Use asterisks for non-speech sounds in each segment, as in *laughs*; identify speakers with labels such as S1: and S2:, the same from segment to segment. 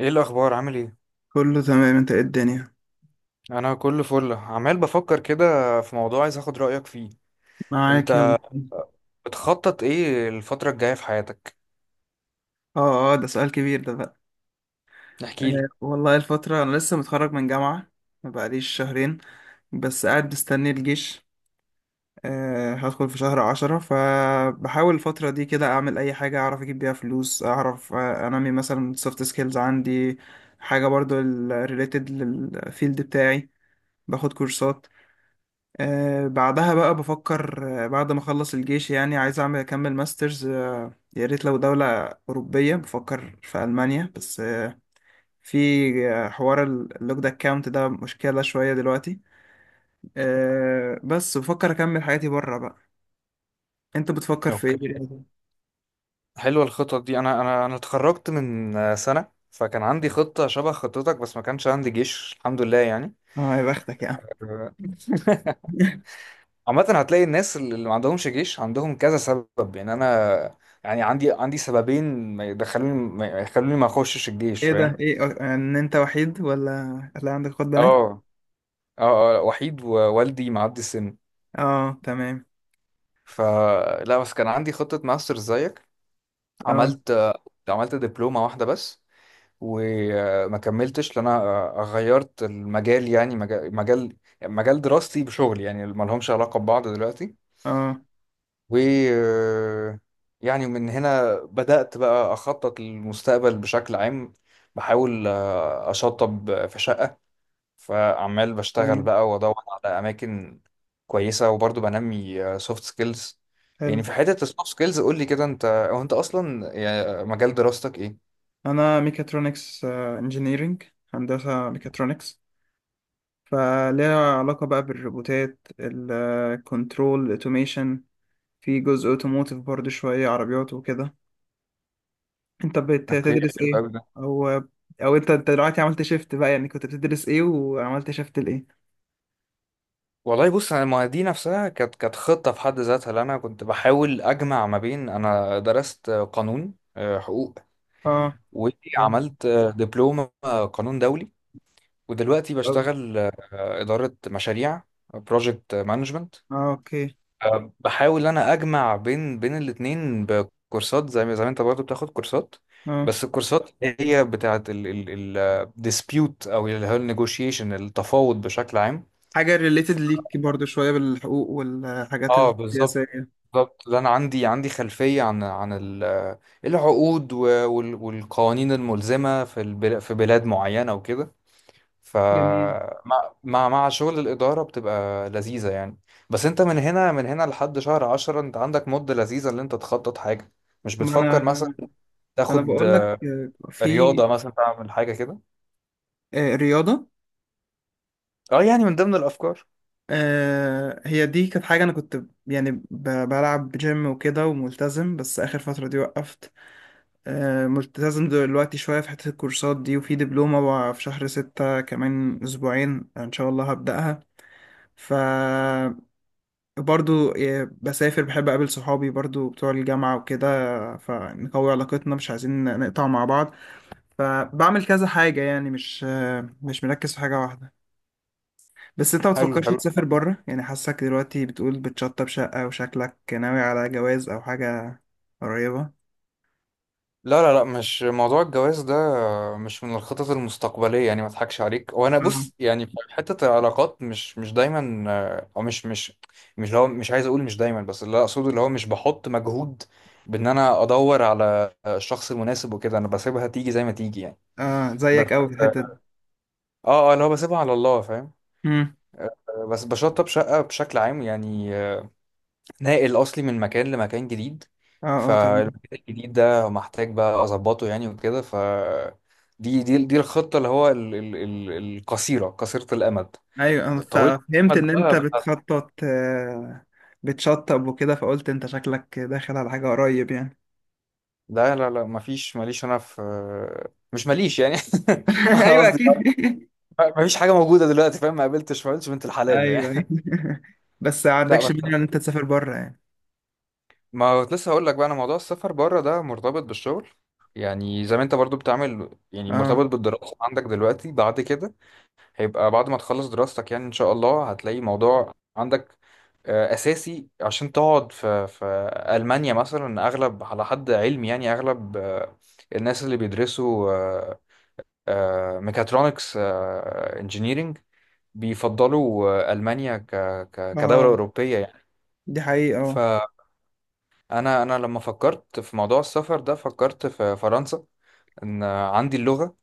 S1: ايه الاخبار؟ عامل ايه؟
S2: كله تمام، انت ايه الدنيا؟
S1: انا كله فل، عمال بفكر كده في موضوع عايز اخد رايك فيه.
S2: معاك، يلا.
S1: انت بتخطط ايه الفتره الجايه في حياتك؟
S2: اه اه ده سؤال كبير ده بقى.
S1: احكي لي.
S2: آه والله الفترة انا لسه متخرج من جامعة، ما بقاليش شهرين، بس قاعد مستني الجيش. هدخل في شهر 10، فبحاول الفترة دي كده اعمل اي حاجة اعرف اجيب بيها فلوس، اعرف انمي مثلا سوفت سكيلز عندي، حاجة برضو ريليتد للفيلد بتاعي، باخد كورسات. بعدها بقى بفكر بعد ما اخلص الجيش، يعني عايز اعمل اكمل ماسترز. يا ريت لو دولة أوروبية، بفكر في ألمانيا، بس آه، في آه، حوار اللوك ده اكاونت ده مشكلة شوية دلوقتي. بس بفكر اكمل حياتي بره بقى. انت بتفكر في ايه
S1: اوكي،
S2: دلوقتي؟
S1: حلوه الخطط دي. انا اتخرجت من سنه، فكان عندي خطه شبه خطتك، بس ما كانش عندي جيش، الحمد لله يعني.
S2: اه يا بختك يا عم.
S1: آه،
S2: *laughs*
S1: عامه هتلاقي الناس اللي ما عندهمش جيش عندهم كذا سبب، يعني انا يعني عندي سببين ما يخلوني ما اخشش الجيش،
S2: ايه ده؟
S1: فاهم؟
S2: ايه آه، ان انت وحيد ولا هتلاقي عندك اخوات بنات؟
S1: اه اه وحيد، ووالدي معدي السن.
S2: اه تمام.
S1: فلا، بس كان عندي خطة ماستر زيك.
S2: اه
S1: عملت عملت دبلومة واحدة بس، وما كملتش لأن أنا غيرت المجال، يعني مجال دراستي بشغل يعني ما لهمش علاقة ببعض دلوقتي.
S2: اه
S1: و يعني من هنا بدأت بقى أخطط للمستقبل بشكل عام. بحاول أشطب في شقة، فعمال بشتغل
S2: تمام.
S1: بقى وادور على اماكن كويسه، وبرضه بنمي سوفت سكيلز.
S2: حلو.
S1: يعني في حته السوفت سكيلز قول لي كده انت، انت اصلا يعني مجال دراستك ايه؟
S2: انا ميكاترونكس انجينيرينج، هندسه ميكاترونكس، فليها علاقه بقى بالروبوتات، الكنترول، الاوتوميشن، في جزء اوتوموتيف برضو، شويه عربيات وكده. انت
S1: اوكي،
S2: بتدرس
S1: حلو
S2: ايه؟
S1: قوي ده.
S2: او او انت أنت دلوقتي عملت شيفت بقى، يعني كنت بتدرس ايه وعملت شيفت لايه؟
S1: والله بص انا، ما دي نفسها كانت خطه في حد ذاتها، اللي انا كنت بحاول اجمع ما بين، انا درست قانون حقوق،
S2: اه جامد
S1: وعملت دبلومه قانون دولي، ودلوقتي
S2: أوي.
S1: بشتغل اداره مشاريع، بروجكت مانجمنت.
S2: اه اوكي.
S1: بحاول ان انا اجمع بين الاتنين بكورسات، زي ما انت برضه بتاخد كورسات،
S2: اه.
S1: بس الكورسات اللي هي بتاعت الديسبيوت او اللي هو النيجوشيشن، التفاوض بشكل عام.
S2: حاجه ريليتد ليك برضو شويه، بالحقوق والحاجات
S1: اه بالظبط،
S2: السياسيه.
S1: بالظبط ده. انا عندي خلفيه عن العقود والقوانين الملزمه في في بلاد معينه وكده.
S2: جميل.
S1: فمع مع مع شغل الإدارة بتبقى لذيذة يعني. بس انت من هنا لحد شهر عشرة، انت عندك مدة لذيذة اللي انت تخطط حاجة. مش
S2: ما انا
S1: بتفكر مثلا
S2: انا
S1: تاخد
S2: بقول لك آه، في
S1: رياضة مثلا، تعمل حاجة كده؟
S2: آه، رياضه.
S1: اه يعني من ضمن الأفكار.
S2: آه، هي دي كانت حاجة أنا كنت يعني بلعب جيم وكده وملتزم، بس آخر فترة دي وقفت. آه ملتزم دلوقتي شوية في حتة الكورسات دي، وفي دبلومة بقى في شهر 6 كمان أسبوعين، يعني إن شاء الله هبدأها. ف برضو بسافر، بحب أقابل صحابي برضو بتوع الجامعة وكده، فنقوي علاقتنا، مش عايزين نقطع مع بعض. فبعمل كذا حاجة يعني، مش مركز في حاجة واحدة. بس انت ما
S1: حلو
S2: بتفكرش
S1: حلو.
S2: تسافر بره يعني؟ حاسك دلوقتي بتقول بتشطب شقة، وشكلك ناوي على جواز او حاجة قريبة.
S1: لا لا لا، مش موضوع الجواز ده، مش من الخطط المستقبلية يعني، ما اضحكش عليك وانا.
S2: مم.
S1: بص يعني في حتة العلاقات، مش دايما او مش اللي هو، مش عايز اقول مش دايما، بس اللي اقصده اللي هو مش بحط مجهود بان انا ادور على الشخص المناسب وكده. انا بسيبها تيجي زي ما تيجي يعني.
S2: اه
S1: بس
S2: زيك قوي في الحتة دي.
S1: اه اللي هو بسيبها على الله، فاهم؟
S2: امم.
S1: بس بشطب شقة بشكل عام يعني، ناقل اصلي من مكان لمكان جديد.
S2: اه اه تمام.
S1: فالمكان الجديد ده محتاج بقى اظبطه يعني وكده. دي الخطه اللي هو القصيره، قصيره الامد.
S2: ايوه انا ف-
S1: طويله
S2: فهمت
S1: الامد
S2: ان انت
S1: بقى, بقى.
S2: بتخطط، بتشطب وكده، فقلت انت شكلك داخل على حاجة قريب يعني.
S1: لا لا لا، مفيش، ماليش انا في، مش ماليش يعني. *laughs*
S2: *laughs*
S1: انا
S2: ايوه
S1: قصدي،
S2: اكيد.
S1: مفيش حاجه موجوده دلوقتي، فاهم؟ ما قابلتش بنت
S2: *laughs*
S1: الحلال
S2: ايوه ايوه.
S1: يعني.
S2: *laughs* بس ما
S1: *laughs* لا
S2: عندكش
S1: بس،
S2: مانع ان انت تسافر بره يعني.
S1: ما كنت لسه هقول لك بقى، انا موضوع السفر بره ده مرتبط بالشغل، يعني زي ما انت برضو بتعمل، يعني
S2: اه.
S1: مرتبط بالدراسه عندك دلوقتي. بعد كده هيبقى بعد ما تخلص دراستك، يعني ان شاء الله هتلاقي موضوع عندك اساسي عشان تقعد في المانيا مثلا. اغلب على حد علمي، يعني اغلب الناس اللي بيدرسوا ميكاترونكس انجينيرينج بيفضلوا المانيا ك ك كدوله
S2: اه
S1: اوروبيه يعني.
S2: دي حقيقة اه.
S1: فانا انا لما فكرت في موضوع السفر ده، فكرت في فرنسا، ان عندي اللغه.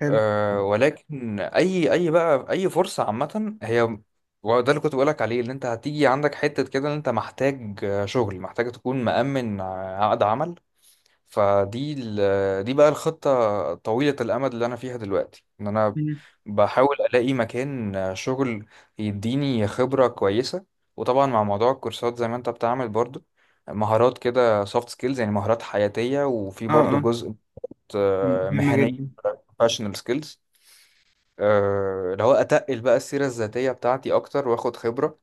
S2: حلو.
S1: أه ولكن اي بقى، اي فرصه عامه هي. وده اللي كنت بقولك عليه، اللي انت هتيجي عندك حته كده ان انت محتاج شغل، محتاج تكون مأمن عقد عمل. دي بقى الخطه طويله الامد اللي انا فيها دلوقتي، ان انا
S2: مم.
S1: بحاول الاقي مكان شغل يديني خبره كويسه. وطبعا مع موضوع الكورسات زي ما انت بتعمل برضو، مهارات كده سوفت سكيلز يعني، مهارات حياتيه، وفي
S2: اه
S1: برضو
S2: اه.
S1: جزء
S2: مم. مهمة
S1: مهنيه،
S2: جدا.
S1: professional skills. لو اتقل بقى السيرة الذاتية بتاعتي اكتر واخد خبرة،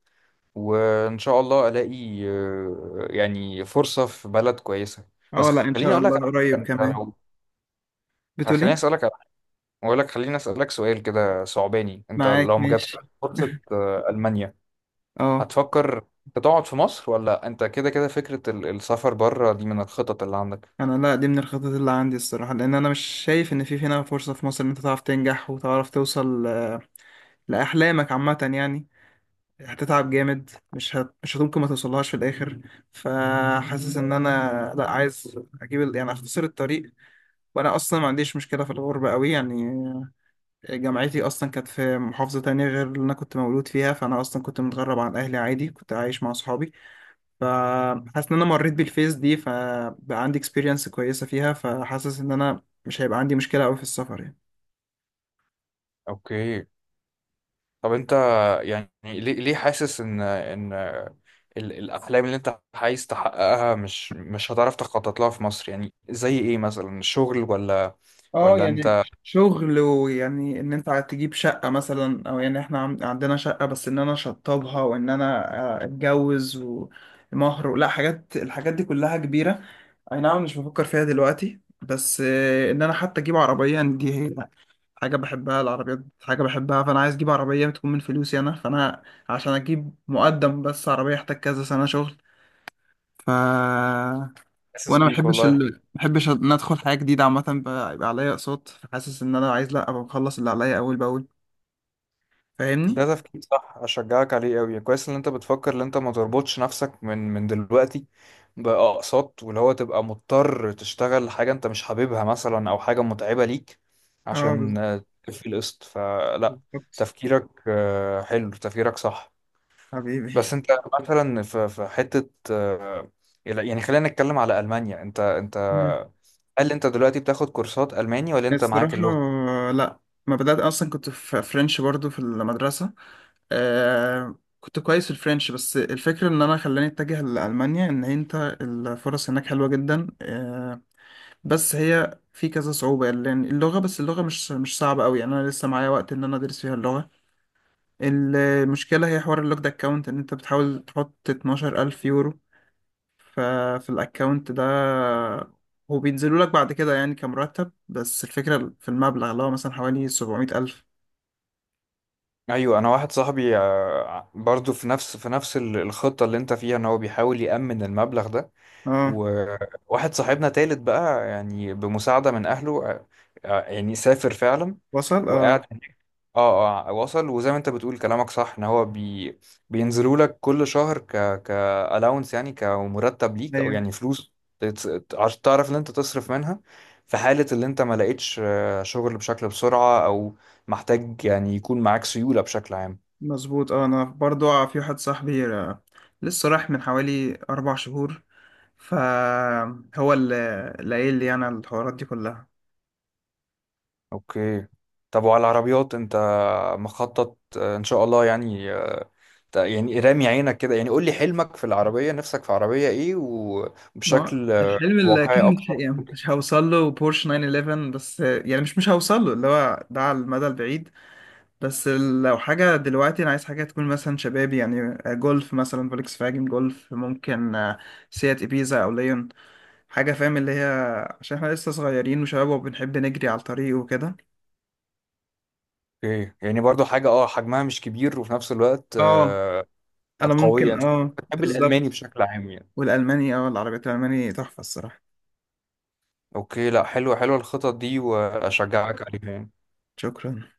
S1: وان شاء الله الاقي يعني فرصة في بلد كويسة. بس
S2: اه لا ان
S1: خليني
S2: شاء
S1: اقول
S2: الله
S1: لك على
S2: قريب
S1: حاجة، انت
S2: كمان.
S1: لو،
S2: بتقول
S1: خليني
S2: ايه؟
S1: اسالك على- حاجة، اقول لك خليني اسالك سؤال كده صعباني، انت
S2: معاك
S1: لو ما
S2: ماشي.
S1: جاتلك فرصة المانيا،
S2: اه.
S1: هتفكر انت تقعد في مصر؟ ولا انت كده كده فكرة السفر بره دي من الخطط اللي عندك؟
S2: انا لا، دي من الخطط اللي عندي الصراحه، لان انا مش شايف ان في هنا فرصه في مصر ان انت تعرف تنجح وتعرف توصل لاحلامك عامه يعني. هتتعب جامد، مش ممكن ما توصلهاش في الاخر. فحاسس ان انا لا، يعني اختصر الطريق. وانا اصلا ما عنديش مشكله في الغربه قوي يعني، جامعتي اصلا كانت في محافظه تانية غير اللي انا كنت مولود فيها، فانا اصلا كنت متغرب عن اهلي عادي، كنت عايش مع اصحابي. فحاسس ان انا مريت بالفيز دي، فبقى عندي اكسبيرينس كويسه فيها، فحاسس ان انا مش هيبقى عندي مشكله قوي في السفر يعني.
S1: اوكي، طب انت يعني ليه حاسس ان الاحلام اللي انت عايز تحققها مش هتعرف تخطط لها في مصر؟ يعني زي ايه مثلا، الشغل ولا؟
S2: اه
S1: ولا
S2: يعني
S1: انت،
S2: شغل، ويعني ان انت تجيب شقه مثلا، او يعني احنا عندنا شقه بس ان انا اشطبها، وان انا اتجوز، ومهر، لا حاجات، الحاجات دي كلها كبيره. اي نعم مش بفكر فيها دلوقتي، بس ان انا حتى اجيب عربيه يعني، دي هي حاجة بحبها، العربيات حاجة بحبها، فأنا عايز أجيب عربية تكون من فلوسي أنا، فأنا عشان أجيب مقدم بس عربية أحتاج كذا سنة شغل. ف
S1: حاسس
S2: وأنا
S1: بيك والله.
S2: ما بحبش إن أدخل حاجة جديدة عامة يبقى عليا أقساط، فحاسس إن أنا عايز لأ، أبقى مخلص اللي عليا أول بأول. فاهمني؟
S1: ده تفكير صح، اشجعك عليه قوي، كويس ان انت بتفكر ان انت ما تربطش نفسك من دلوقتي باقساط، واللي هو تبقى مضطر تشتغل حاجه انت مش حاببها مثلا، او حاجه متعبه ليك
S2: اه
S1: عشان تكفي القسط. فلا،
S2: بالظبط.
S1: تفكيرك حلو، تفكيرك صح.
S2: حبيبي.
S1: بس انت مثلا في حته يعني، خلينا نتكلم على المانيا. انت
S2: مم.
S1: هل انت دلوقتي بتاخد كورسات الماني، ولا انت معاك
S2: الصراحة
S1: اللغه؟
S2: لأ، ما بدأت أصلا، كنت في فرنش برضو في المدرسة. آه كنت كويس في الفرنش، بس الفكرة ان انا خلاني اتجه لألمانيا ان انت الفرص هناك حلوة جدا آه. بس هي في كذا صعوبة، لان اللغة، بس اللغة مش صعبة قوي يعني، انا لسه معايا وقت ان انا ادرس فيها اللغة. المشكلة هي حوار اللوكد اكاونت، ان انت بتحاول تحط 12000 الف يورو ففي الاكاونت ده، هو بينزلوا لك بعد كده يعني كمرتب، بس الفكرة في المبلغ، اللي هو مثلا حوالي 700000 الف.
S1: ايوه، انا واحد صاحبي برضو في نفس، في نفس الخطه اللي انت فيها، ان هو بيحاول يامن المبلغ ده.
S2: اه
S1: وواحد صاحبنا تالت بقى، يعني بمساعده من اهله يعني سافر فعلا
S2: وصل اه.
S1: وقاعد. اه اه، وصل، وزي ما انت بتقول كلامك صح، ان هو بينزلوا لك كل شهر ك ك allowance يعني، كمرتب ليك او يعني فلوس عشان تعرف ان انت تصرف منها في حالة اللي انت ما لقيتش شغل بشكل بسرعة، او محتاج يعني يكون معاك سيولة بشكل عام.
S2: مظبوط اه. انا برضو آه، في واحد صاحبي لسه راح من حوالي 4 شهور، فهو اللي قايل لي انا الحوارات دي كلها.
S1: اوكي، طب وعلى العربيات انت مخطط ان شاء الله يعني يعني رامي عينك كده؟ يعني قول لي حلمك في العربية، نفسك في عربية ايه؟
S2: ما
S1: وبشكل
S2: الحلم اللي
S1: واقعي
S2: اكيد مش
S1: اكتر.
S2: يعني مش هوصل له بورش 911، بس يعني مش هوصل له، اللي هو ده على المدى البعيد. بس لو حاجة دلوقتي، انا عايز حاجة تكون مثلا شبابي يعني، جولف مثلا، فولكس فاجن جولف ممكن، سيات ابيزا او ليون، حاجة فاهم اللي هي، عشان احنا لسه صغيرين وشباب وبنحب نجري على الطريق وكده.
S1: اوكي، يعني برضو حاجة اه حجمها مش كبير، وفي نفس الوقت
S2: اه
S1: آه
S2: انا
S1: قوية.
S2: ممكن،
S1: انت
S2: اه
S1: بتحب الألماني
S2: بالظبط.
S1: بشكل عام يعني؟
S2: والالماني اه، العربيات الالماني تحفه الصراحه.
S1: اوكي، لا حلوة حلوة الخطط دي، وأشجعك عليها يعني.
S2: شكرا.